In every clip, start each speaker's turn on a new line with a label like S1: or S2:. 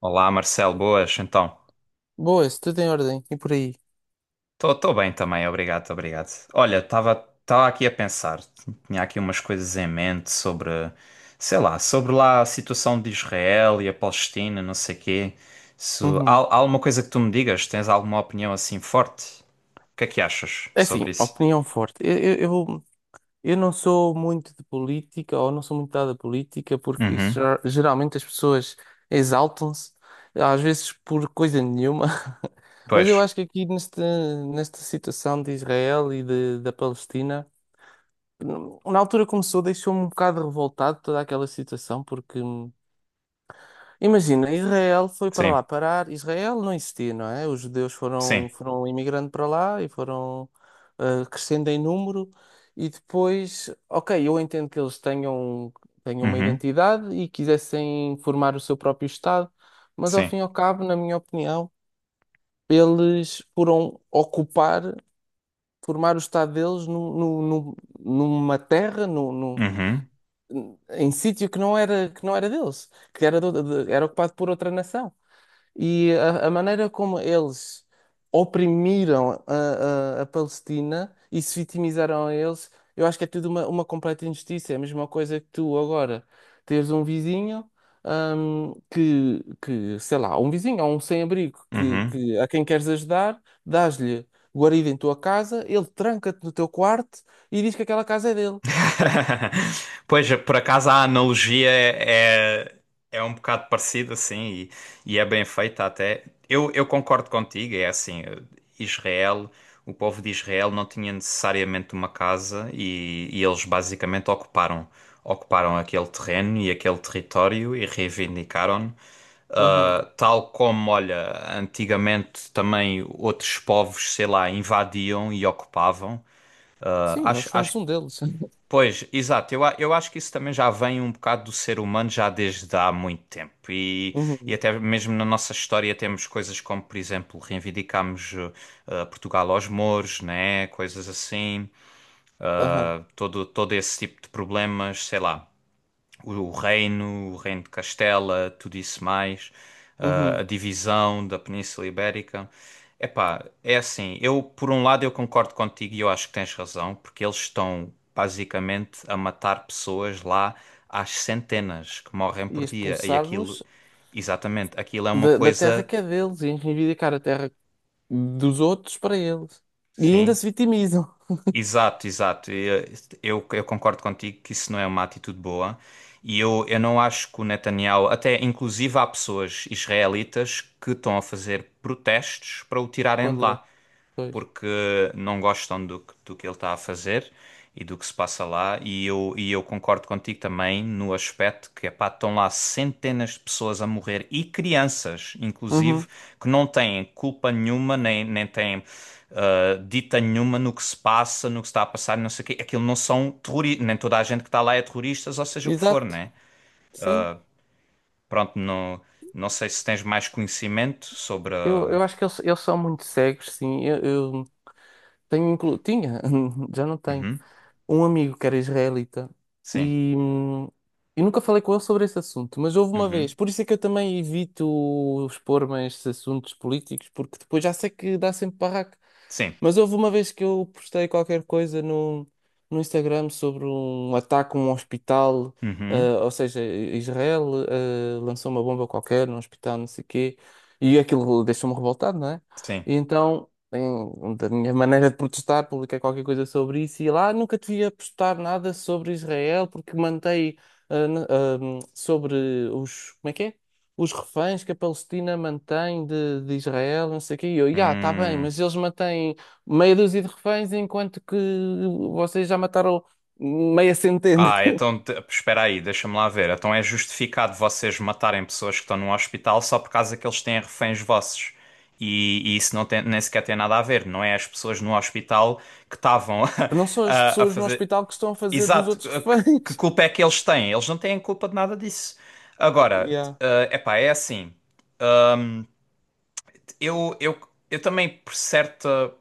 S1: Olá, Marcelo, boas, então.
S2: Boa, boas, tudo em ordem e por aí.
S1: Estou bem também, obrigado, obrigado. Olha, estava tava tava aqui a pensar, tinha aqui umas coisas em mente sobre, sei lá, sobre lá a situação de Israel e a Palestina, não sei quê. Se, há,
S2: Uhum.
S1: há alguma coisa que tu me digas? Tens alguma opinião assim forte? O que é que achas
S2: É assim,
S1: sobre isso?
S2: opinião forte. Eu não sou muito de política ou não sou muito dada a política porque isso
S1: Uhum,
S2: geralmente as pessoas exaltam-se às vezes por coisa nenhuma. Mas eu
S1: pois,
S2: acho que aqui nesta situação de Israel da Palestina, na altura começou, deixou-me um bocado revoltado toda aquela situação porque imagina, Israel foi para
S1: sim,
S2: lá parar. Israel não existia, não é? Os judeus
S1: sim,
S2: foram imigrando para lá e foram crescendo em número. E depois, ok, eu entendo que eles tenham uma
S1: uhum,
S2: identidade e quisessem formar o seu próprio Estado, mas ao
S1: sim,
S2: fim e ao cabo, na minha opinião, eles foram ocupar, formar o Estado deles numa terra,
S1: uhum,
S2: em sítio que não era deles, que era, era ocupado por outra nação. E a maneira como eles oprimiram a Palestina e se vitimizaram a eles, eu acho que é tudo uma completa injustiça. É a mesma coisa que tu agora teres um vizinho, sei lá, um vizinho ou um sem-abrigo
S1: uhum.
S2: que a quem queres ajudar, dás-lhe guarida em tua casa, ele tranca-te no teu quarto e diz que aquela casa é dele.
S1: Pois, por acaso a analogia é é um bocado parecida, assim, e é bem feita até. Eu concordo contigo, é assim, Israel, o povo de Israel não tinha necessariamente uma casa e eles basicamente ocuparam aquele terreno e aquele território e reivindicaram,
S2: Aham.
S1: tal como, olha, antigamente também outros povos, sei lá, invadiam e ocupavam. Ah,
S2: Sim, nós
S1: acho, acho
S2: fomos um deles.
S1: Pois, exato. Eu, eu acho que isso também já vem um bocado do ser humano já desde há muito tempo. E
S2: Uhum.
S1: até mesmo na nossa história temos coisas como, por exemplo, reivindicamos Portugal aos mouros, né? Coisas assim.
S2: Aham.
S1: Todo esse tipo de problemas, sei lá o reino de Castela, tudo isso mais, a
S2: Uhum.
S1: divisão da Península Ibérica. Epá, é assim, eu por um lado eu concordo contigo e eu acho que tens razão, porque eles estão basicamente a matar pessoas lá às centenas que morrem
S2: E
S1: por dia e
S2: expulsá-los
S1: aquilo, exatamente, aquilo é uma
S2: da terra
S1: coisa,
S2: que é deles e reivindicar a terra dos outros para eles. E ainda
S1: sim.
S2: se vitimizam.
S1: Exato, exato. Eu concordo contigo que isso não é uma atitude boa. E eu não acho que o Netanyahu, até inclusive há pessoas israelitas que estão a fazer protestos para o tirarem de
S2: Contra.
S1: lá
S2: Pois.
S1: porque não gostam do que ele está a fazer e do que se passa lá. E eu concordo contigo também no aspecto que, epá, estão lá centenas de pessoas a morrer e crianças, inclusive,
S2: Uhum.
S1: que não têm culpa nenhuma, nem, nem têm dita nenhuma no que se passa, no que se está a passar, não sei o quê. Aquilo não são terroristas, nem toda a gente que está lá é terroristas, ou seja o que for,
S2: Exato.
S1: né?
S2: Sim.
S1: Pronto, não, não sei se tens mais conhecimento sobre.
S2: Eu,
S1: a-
S2: eu acho que eles são muito cegos, sim. Eu tenho inclu... Tinha, já não tenho,
S1: Uhum,
S2: um amigo que era israelita
S1: sim.
S2: e, hum, e nunca falei com ele sobre esse assunto, mas houve uma vez.
S1: Uhum,
S2: Por isso é que eu também evito expor-me a estes assuntos políticos, porque depois já sei que dá sempre barraco.
S1: sim.
S2: Mas houve uma vez que eu postei qualquer coisa no Instagram sobre um ataque a um hospital,
S1: Uhum,
S2: ou seja, Israel lançou uma bomba qualquer num hospital, não sei o quê, e aquilo deixou-me revoltado, não é?
S1: sim.
S2: E então, da minha maneira de protestar, publiquei qualquer coisa sobre isso e lá nunca devia postar nada sobre Israel porque mantei sobre os, como é que é? Os reféns que a Palestina mantém de Israel, não sei o quê. E eu, já, está bem,
S1: Hum.
S2: mas eles mantêm meia dúzia de reféns, enquanto que vocês já mataram meia centena.
S1: Ah, então espera aí, deixa-me lá ver. Então é justificado vocês matarem pessoas que estão no hospital só por causa que eles têm reféns vossos. E isso não tem, nem sequer tem nada a ver, não é as pessoas no hospital que estavam
S2: Não são as
S1: a
S2: pessoas no
S1: fazer.
S2: hospital que estão a fazer dos
S1: Exato,
S2: outros
S1: que
S2: reféns.
S1: culpa é que eles têm? Eles não têm culpa de nada disso. Agora,
S2: Yeah.
S1: é epá, é assim. Eu, eu, eu também, por certa.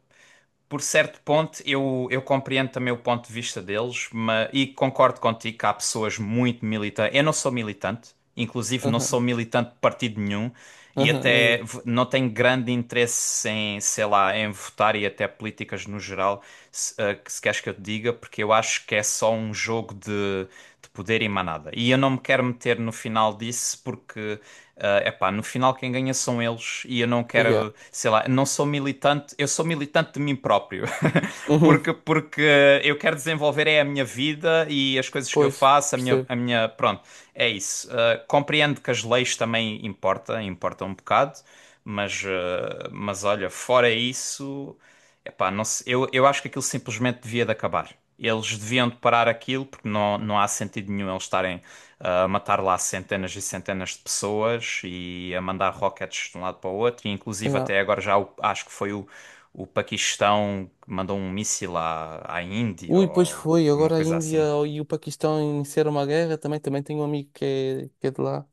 S1: Por certo ponto, eu compreendo também o ponto de vista deles, mas, e concordo contigo que há pessoas muito militantes. Eu não sou militante, inclusive não
S2: Aham,
S1: sou militante de partido nenhum, e
S2: aham, nem
S1: até
S2: eu.
S1: não tenho grande interesse em, sei lá, em votar e até políticas no geral, se queres que eu te diga, porque eu acho que é só um jogo de poder e mais nada. E eu não me quero meter no final disso porque, é epá, no final quem ganha são eles e eu não
S2: Ah,
S1: quero,
S2: yeah.
S1: sei lá, não sou militante, eu sou militante de mim próprio.
S2: Uhum.
S1: Porque eu quero desenvolver é a minha vida e as coisas que eu
S2: Pois,
S1: faço, a minha,
S2: percebo.
S1: pronto, é isso. Compreendo que as leis também importam, importam um bocado, mas olha, fora isso, epá, eu acho que aquilo simplesmente devia de acabar. Eles deviam de parar aquilo porque não, não há sentido nenhum eles estarem a matar lá centenas e centenas de pessoas e a mandar rockets de um lado para o outro. E, inclusive
S2: Yeah.
S1: até agora acho que foi o Paquistão que mandou um míssil à Índia
S2: Ui, pois
S1: ou
S2: foi.
S1: foi uma
S2: Agora a
S1: coisa
S2: Índia
S1: assim.
S2: e o Paquistão iniciaram uma guerra. Também tenho um amigo que é de lá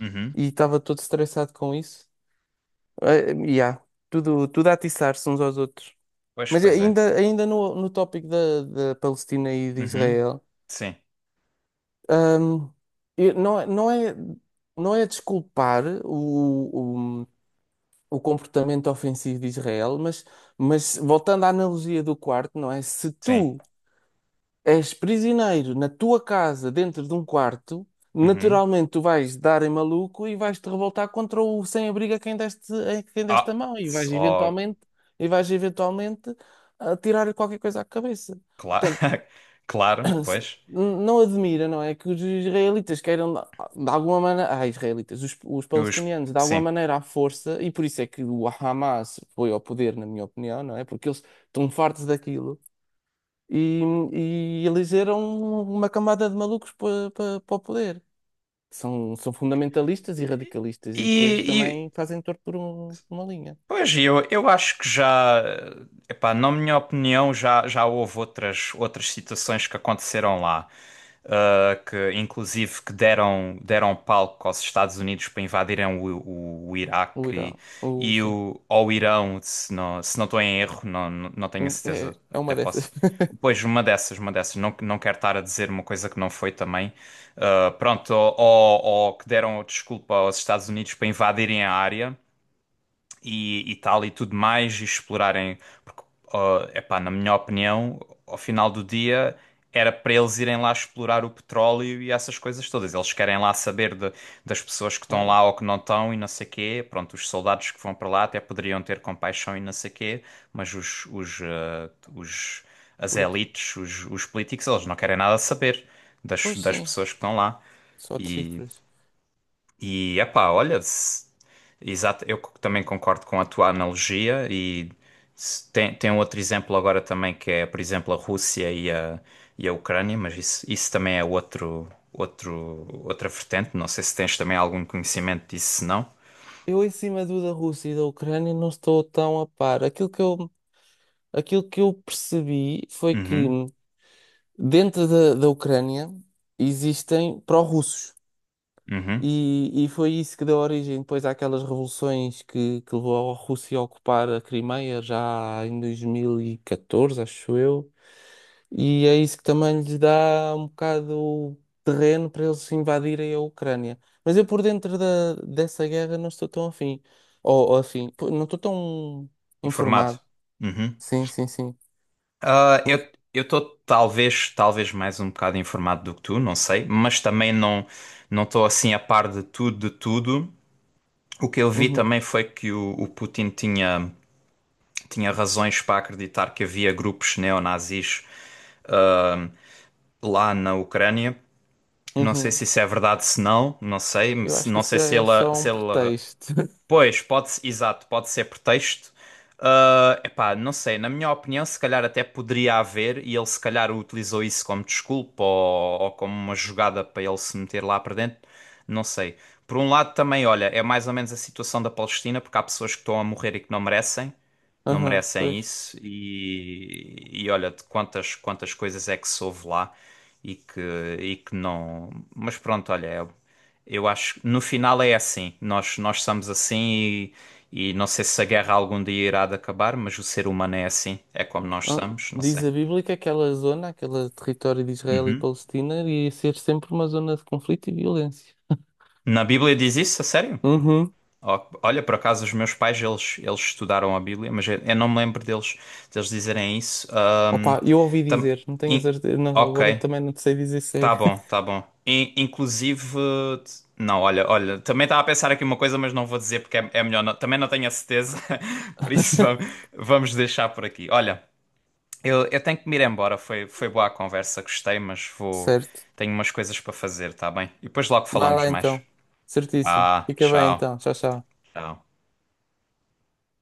S1: Uhum.
S2: e estava todo estressado com isso. Eh, yeah. Tudo, tudo a atiçar-se uns aos outros.
S1: Pois,
S2: Mas
S1: pois é.
S2: ainda, ainda no tópico da Palestina e de
S1: Uhum.
S2: Israel.
S1: Sim,
S2: Ahm, e não, não é, não é desculpar o comportamento ofensivo de Israel, mas voltando à analogia do quarto, não é? Se
S1: sim.
S2: tu és prisioneiro na tua casa, dentro de um quarto,
S1: Uhum.
S2: naturalmente tu vais dar em maluco e vais te revoltar contra o sem-abrigo a quem deste, a quem
S1: Ah,
S2: deste a mão e
S1: s-
S2: vais
S1: oh,
S2: eventualmente a tirar qualquer coisa à cabeça.
S1: claro,
S2: Portanto,
S1: claro, pois.
S2: não admira, não é? Que os israelitas queiram, de alguma maneira, os
S1: Os,
S2: palestinianos, de alguma
S1: sim.
S2: maneira à força, e por isso é que o Hamas foi ao poder, na minha opinião, não é? Porque eles estão fartos daquilo e, e elegeram uma camada de malucos para para o poder. São, são fundamentalistas e radicalistas, e
S1: E,
S2: depois
S1: e,
S2: também fazem torto por uma linha.
S1: Pois, eu acho que já, epá, na minha opinião, já, já houve outras, outras situações que aconteceram lá, ah, que inclusive que deram, deram palco aos Estados Unidos para invadirem o
S2: O
S1: Iraque
S2: Irão, o,
S1: e,
S2: sim.
S1: o Irão, se não, se não estou em erro, não, não tenho a
S2: É,
S1: certeza,
S2: é
S1: até
S2: uma
S1: posso.
S2: dessas.
S1: Pois, uma dessas, uma dessas. Não, não quero estar a dizer uma coisa que não foi também. Ah, pronto, ou que deram desculpa aos Estados Unidos para invadirem a área e tal e tudo mais, e explorarem. Porque, ó, epá, na minha opinião, ao final do dia era para eles irem lá explorar o petróleo e essas coisas todas. Eles querem lá saber das pessoas que estão
S2: Claro,
S1: lá ou que não estão e não sei quê. Pronto, os soldados que vão para lá até poderiam ter compaixão e não sei quê, mas os- as
S2: político.
S1: elites, os políticos, eles não querem nada saber das,
S2: Pois
S1: das
S2: sim,
S1: pessoas que estão lá.
S2: só de
S1: E
S2: cifras.
S1: epá, olha, exato, eu também concordo com a tua analogia e tem, tem um outro exemplo agora também que é, por exemplo, a Rússia e a Ucrânia, mas isso também é outro, outro, outra vertente, não sei se tens também algum conhecimento disso, se não.
S2: Eu em cima do da Rússia e da Ucrânia não estou tão a par. Aquilo que eu percebi foi que
S1: Uhum,
S2: dentro da Ucrânia existem pró-russos.
S1: uhum,
S2: E foi isso que deu origem depois àquelas revoluções que levou a Rússia a ocupar a Crimeia já em 2014, acho eu. E é isso que também lhes dá um bocado terreno para eles invadirem a Ucrânia. Mas eu por dentro dessa guerra não estou tão afim. Ou afim, pô, não estou tão
S1: informado.
S2: informado.
S1: Uhum.
S2: Sim, sim, sim.
S1: Ah, eu estou talvez mais um bocado informado do que tu, não sei, mas também não não estou assim a par de tudo de tudo. O que eu vi
S2: Uhum,
S1: também foi que o Putin tinha, tinha razões para acreditar que havia grupos neonazis ah, lá na Ucrânia. Não sei
S2: uhum.
S1: se isso é verdade, se não, não sei.
S2: Eu acho que
S1: Não
S2: isso
S1: sei se
S2: é é
S1: ele,
S2: só
S1: se
S2: um
S1: ele
S2: pretexto.
S1: pois, pode, exato, pode ser pretexto. Ah, epá, não sei, na minha opinião, se calhar até poderia haver, e ele se calhar utilizou isso como desculpa ou como uma jogada para ele se meter lá para dentro, não sei. Por um lado também, olha, é mais ou menos a situação da Palestina, porque há pessoas que estão a morrer e que não merecem não
S2: Aham,
S1: merecem
S2: pois.
S1: isso e olha de quantas coisas é que soube lá e que e que não, mas pronto, olha, eu acho que no final é assim, nós somos assim e não sei se a guerra algum dia irá de acabar, mas o ser humano é assim, é como nós
S2: Ah,
S1: somos, não
S2: diz
S1: sei.
S2: a Bíblia que aquela zona, aquele território de Israel e
S1: Uhum.
S2: Palestina, ia ser sempre uma zona de conflito e violência.
S1: Na Bíblia diz isso a sério?
S2: Uhum.
S1: Ó, olha, por acaso os meus pais eles estudaram a Bíblia, mas eu não me lembro deles dizerem isso.
S2: Opa, eu ouvi
S1: Tam-
S2: dizer, não tenho
S1: in-
S2: certeza. Não, agora
S1: Ok,
S2: também não te sei dizer se é.
S1: tá bom, tá bom. Inclusive, não, olha, olha, também estava a pensar aqui uma coisa, mas não vou dizer porque é, é melhor. Também não tenho a certeza, por isso vamos deixar por aqui. Olha, eu tenho que me ir embora. Foi boa a conversa, gostei, mas vou.
S2: Certo.
S1: Tenho umas coisas para fazer, tá bem? E depois logo
S2: Vai
S1: falamos
S2: lá
S1: mais.
S2: então. Certíssimo.
S1: Ah,
S2: Fica bem
S1: tchau,
S2: então. Tchau, tchau.
S1: tchau.